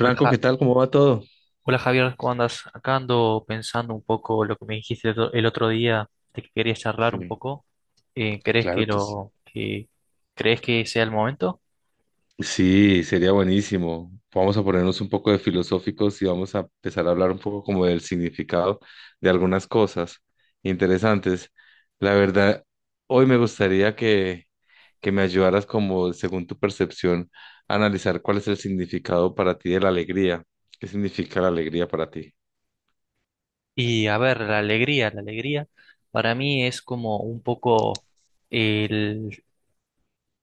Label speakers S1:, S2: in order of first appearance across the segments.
S1: Hola,
S2: ¿qué tal? ¿Cómo va todo?
S1: Hola, Javier, ¿cómo andas? Acá ando pensando un poco lo que me dijiste el otro día, de que querías charlar un
S2: Sí,
S1: poco. ¿Crees
S2: claro
S1: que
S2: que sí.
S1: lo que crees que sea el momento?
S2: Sí, sería buenísimo. Vamos a ponernos un poco de filosóficos y vamos a empezar a hablar un poco como del significado de algunas cosas interesantes. La verdad, hoy me gustaría que me ayudaras como, según tu percepción, a analizar cuál es el significado para ti de la alegría. ¿Qué significa la alegría para ti?
S1: Y a ver, la alegría para mí es como un poco el,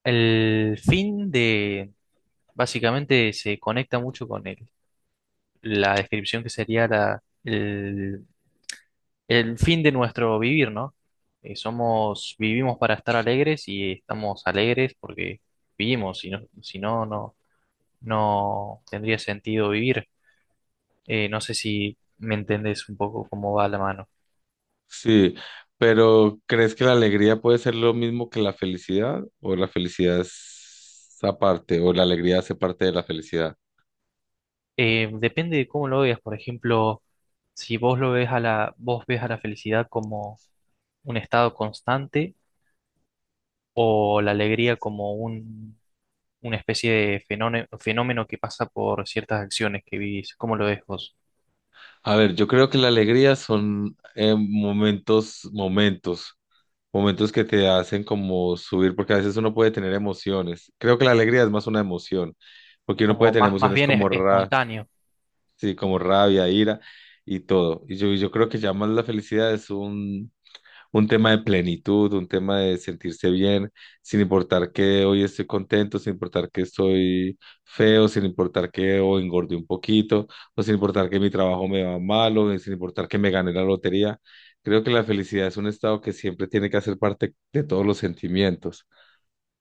S1: el fin de, básicamente se conecta mucho con la descripción que sería el fin de nuestro vivir, ¿no? Vivimos para estar alegres y estamos alegres porque vivimos, no tendría sentido vivir. No sé si me entendés un poco cómo va la mano.
S2: Sí, pero ¿crees que la alegría puede ser lo mismo que la felicidad? ¿O la felicidad es aparte? ¿O la alegría hace parte de la felicidad?
S1: Depende de cómo lo veas, por ejemplo, si vos lo ves a la, vos ves a la felicidad como un estado constante o la alegría como una especie de fenómeno que pasa por ciertas acciones que vivís. ¿Cómo lo ves vos?
S2: A ver, yo creo que la alegría son momentos que te hacen como subir, porque a veces uno puede tener emociones. Creo que la alegría es más una emoción, porque uno puede
S1: Como
S2: tener
S1: más
S2: emociones
S1: bien
S2: como
S1: espontáneo.
S2: sí, como rabia, ira y todo. Y yo creo que ya más la felicidad es un tema de plenitud, un tema de sentirse bien, sin importar que hoy estoy contento, sin importar que estoy feo, sin importar que o engordé un poquito, o sin importar que mi trabajo me va mal, o sin importar que me gané la lotería. Creo que la felicidad es un estado que siempre tiene que hacer parte de todos los sentimientos.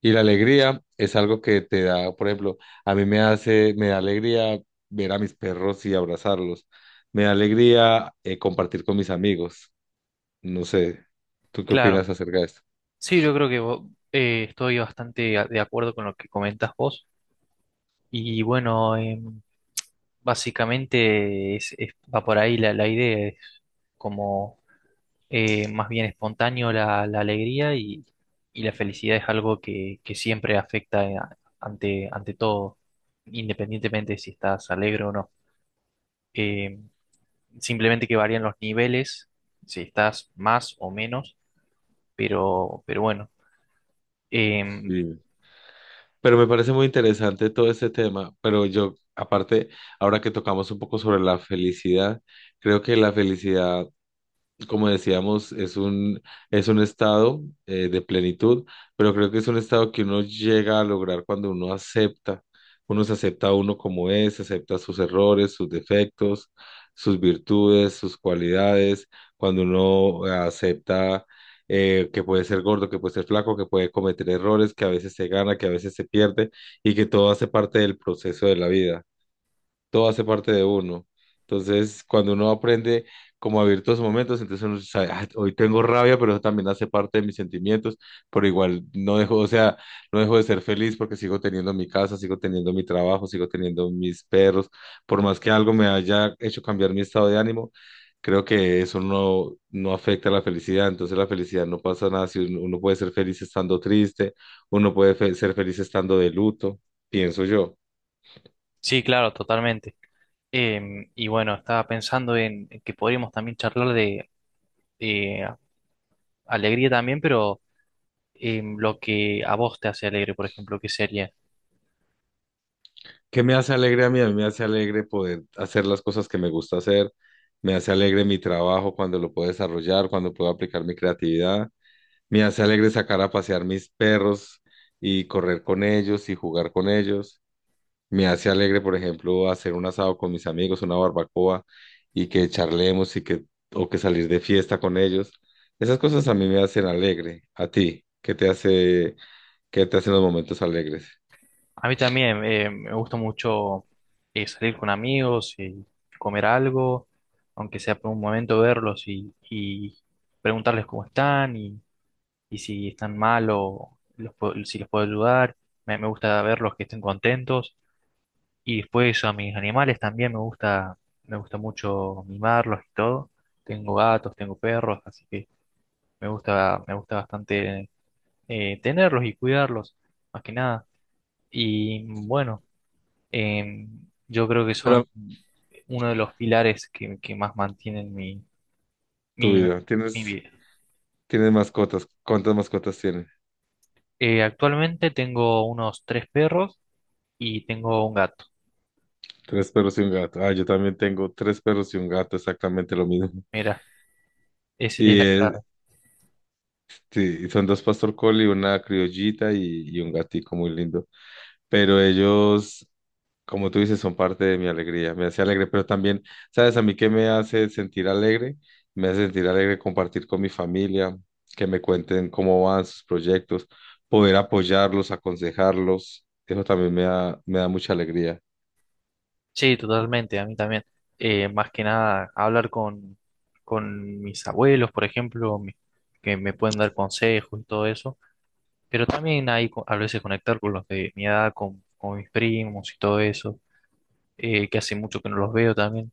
S2: Y la alegría es algo que te da, por ejemplo, a mí me da alegría ver a mis perros y abrazarlos. Me da alegría compartir con mis amigos. No sé, ¿tú qué
S1: Claro.
S2: opinas acerca de esto?
S1: Sí, yo creo que estoy bastante de acuerdo con lo que comentas vos. Y bueno, básicamente va por ahí la idea, es como más bien espontáneo la alegría y la felicidad es algo que siempre afecta ante todo, independientemente de si estás alegre o no. Em, Simplemente que varían los niveles, si estás más o menos, pero bueno. Em,
S2: Sí. Pero me parece muy interesante todo este tema, pero yo, aparte, ahora que tocamos un poco sobre la felicidad, creo que la felicidad, como decíamos, es un estado de plenitud, pero creo que es un estado que uno llega a lograr cuando uno acepta, uno se acepta a uno como es, acepta sus errores, sus defectos, sus virtudes, sus cualidades, cuando uno acepta que puede ser gordo, que puede ser flaco, que puede cometer errores, que a veces se gana, que a veces se pierde y que todo hace parte del proceso de la vida, todo hace parte de uno. Entonces, cuando uno aprende como a vivir todos esos momentos, entonces uno sabe: "Ah, hoy tengo rabia, pero eso también hace parte de mis sentimientos, pero igual no dejo, o sea, no dejo de ser feliz porque sigo teniendo mi casa, sigo teniendo mi trabajo, sigo teniendo mis perros, por más que algo me haya hecho cambiar mi estado de ánimo, creo que eso no afecta a la felicidad, entonces la felicidad, no pasa nada, si uno puede ser feliz estando triste, uno puede ser feliz estando de luto, pienso yo".
S1: sí, claro, totalmente. Y bueno, estaba pensando en que podríamos también charlar de eh, alegría también, pero lo que a vos te hace alegre, por ejemplo, ¿qué sería?
S2: ¿Qué me hace alegre a mí? A mí me hace alegre poder hacer las cosas que me gusta hacer, me hace alegre mi trabajo cuando lo puedo desarrollar, cuando puedo aplicar mi creatividad, me hace alegre sacar a pasear mis perros y correr con ellos y jugar con ellos, me hace alegre, por ejemplo, hacer un asado con mis amigos, una barbacoa y que charlemos o que salir de fiesta con ellos. Esas cosas a mí me hacen alegre. ¿A ti? ¿ qué te hacen los momentos alegres?
S1: A mí también, me gusta mucho salir con amigos y comer algo, aunque sea por un momento verlos y preguntarles cómo están y si están mal o los si los puedo ayudar. Me gusta verlos que estén contentos. Y después a mis animales también me gusta mucho mimarlos y todo. Tengo gatos, tengo perros, así que me gusta bastante tenerlos y cuidarlos, más que nada. Y bueno, eh, yo creo que son
S2: Pero
S1: uno de los pilares que más mantienen
S2: tu
S1: mi,
S2: vida,
S1: mi vida.
S2: ¿tienen mascotas? ¿Cuántas mascotas tienen?
S1: Actualmente tengo unos tres perros y tengo un gato.
S2: Tres perros y un gato. Ah, yo también tengo tres perros y un gato, exactamente lo mismo.
S1: Mira, es
S2: Y
S1: la clave.
S2: sí, y, son dos pastor collie, una criollita y un gatico muy lindo. Pero ellos, como tú dices, son parte de mi alegría. Me hace alegre, pero también, ¿sabes a mí qué me hace sentir alegre? Me hace sentir alegre compartir con mi familia, que me cuenten cómo van sus proyectos, poder apoyarlos, aconsejarlos. Eso también me da mucha alegría.
S1: Sí, totalmente, a mí también. Más que nada, hablar con mis abuelos, por ejemplo, que me pueden dar consejos y todo eso, pero también hay a veces conectar con los de mi edad, con mis primos y todo eso, que hace mucho que no los veo también.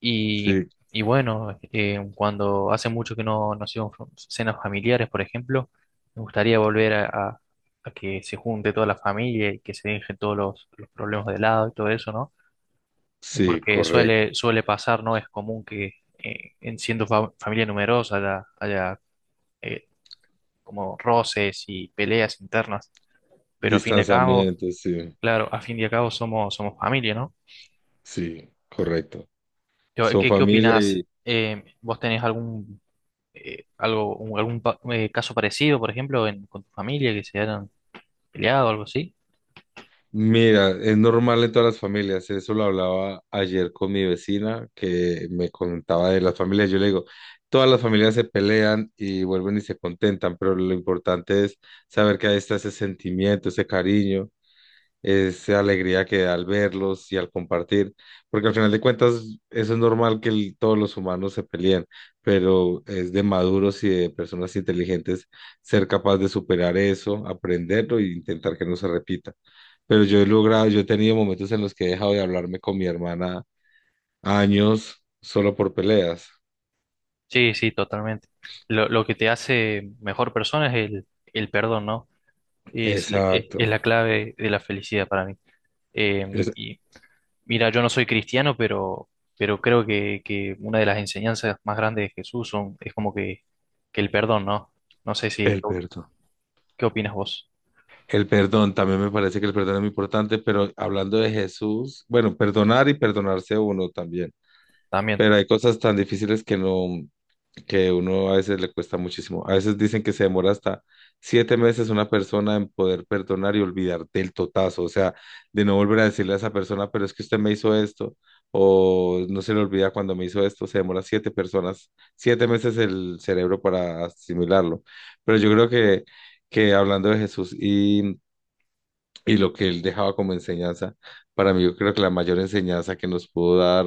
S2: Sí,
S1: Y bueno, cuando hace mucho que no hacemos cenas familiares, por ejemplo, me gustaría volver a que se junte toda la familia y que se dejen todos los problemas de lado y todo eso, ¿no?
S2: sí,
S1: Porque
S2: correcto.
S1: suele pasar, ¿no? Es común que familia numerosa haya eh, como roces y peleas internas, pero a fin de cabo,
S2: Distanciamiento, sí,
S1: claro, a fin de cabo somos familia, ¿no?
S2: sí, correcto.
S1: Yo,
S2: Son
S1: ¿qué, qué
S2: familia
S1: opinás?
S2: y
S1: ¿Vos tenés algo, caso parecido, por ejemplo, con tu familia que se hayan peleado o algo así?
S2: mira, es normal en todas las familias. Eso lo hablaba ayer con mi vecina que me contaba de las familias. Yo le digo, todas las familias se pelean y vuelven y se contentan, pero lo importante es saber que ahí está ese sentimiento, ese cariño, esa alegría que da al verlos y al compartir, porque al final de cuentas eso es normal, que todos los humanos se peleen, pero es de maduros y de personas inteligentes ser capaz de superar eso, aprenderlo e intentar que no se repita. Pero yo he tenido momentos en los que he dejado de hablarme con mi hermana años solo por peleas.
S1: Sí, sí, totalmente. Lo que te hace mejor persona es el perdón, ¿no? Es
S2: Exacto,
S1: la clave de la felicidad para mí. Eh,
S2: es
S1: y Mira, yo no soy cristiano, pero creo que una de las enseñanzas más grandes de Jesús es como que el perdón, ¿no? No sé si, ¿qué,
S2: el perdón.
S1: qué opinas vos?
S2: El perdón, también me parece que el perdón es muy importante, pero hablando de Jesús, bueno, perdonar y perdonarse uno también.
S1: También.
S2: Pero hay cosas tan difíciles que no, que uno a veces le cuesta muchísimo. A veces dicen que se demora hasta 7 meses una persona en poder perdonar y olvidar del totazo, o sea, de no volver a decirle a esa persona, pero es que usted me hizo esto, o no se le olvida cuando me hizo esto, se demora 7 meses el cerebro para asimilarlo. Pero yo creo que, hablando de Jesús y lo que él dejaba como enseñanza, para mí yo creo que la mayor enseñanza que nos pudo dar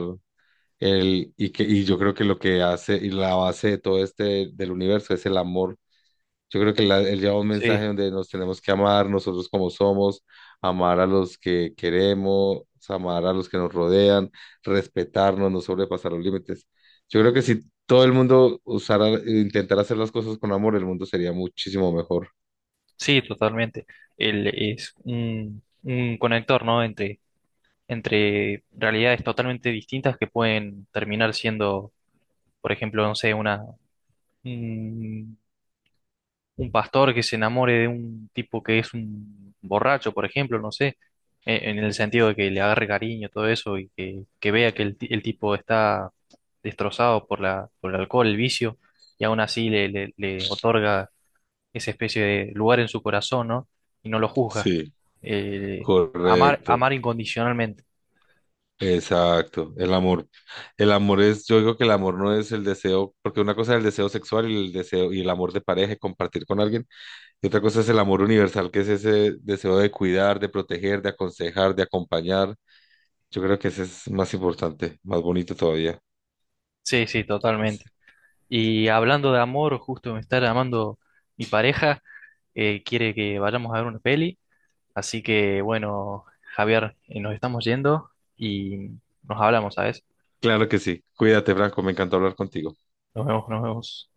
S2: el, y, que, y yo creo que lo que hace y la base de todo este del universo es el amor. Yo creo que él lleva un mensaje
S1: Sí,
S2: donde nos tenemos que amar nosotros como somos, amar a los que queremos, amar a los que nos rodean, respetarnos, no sobrepasar los límites. Yo creo que si todo el mundo usara, intentara hacer las cosas con amor, el mundo sería muchísimo mejor.
S1: sí, totalmente. Él es un conector, ¿no? Entre realidades totalmente distintas que pueden terminar siendo, por ejemplo, no sé, una, un un pastor que se enamore de un tipo que es un borracho, por ejemplo, no sé, en el sentido de que le agarre cariño, todo eso, y que vea que el tipo está destrozado por por el alcohol, el vicio, y aún así le otorga esa especie de lugar en su corazón, ¿no? Y no lo juzga.
S2: Sí.
S1: Eh,
S2: Correcto.
S1: Amar incondicionalmente.
S2: Exacto, el amor. El amor es, yo digo que el amor no es el deseo, porque una cosa es el deseo sexual y el deseo y el amor de pareja, y compartir con alguien, y otra cosa es el amor universal, que es ese deseo de cuidar, de proteger, de aconsejar, de acompañar. Yo creo que ese es más importante, más bonito todavía.
S1: Sí, sí, totalmente. Y hablando de amor, justo me está llamando mi pareja, quiere que vayamos a ver una peli. Así que bueno, Javier, nos estamos yendo y nos hablamos, ¿sabes?
S2: Claro que sí. Cuídate, Franco, me encantó hablar contigo.
S1: Nos vemos, nos vemos.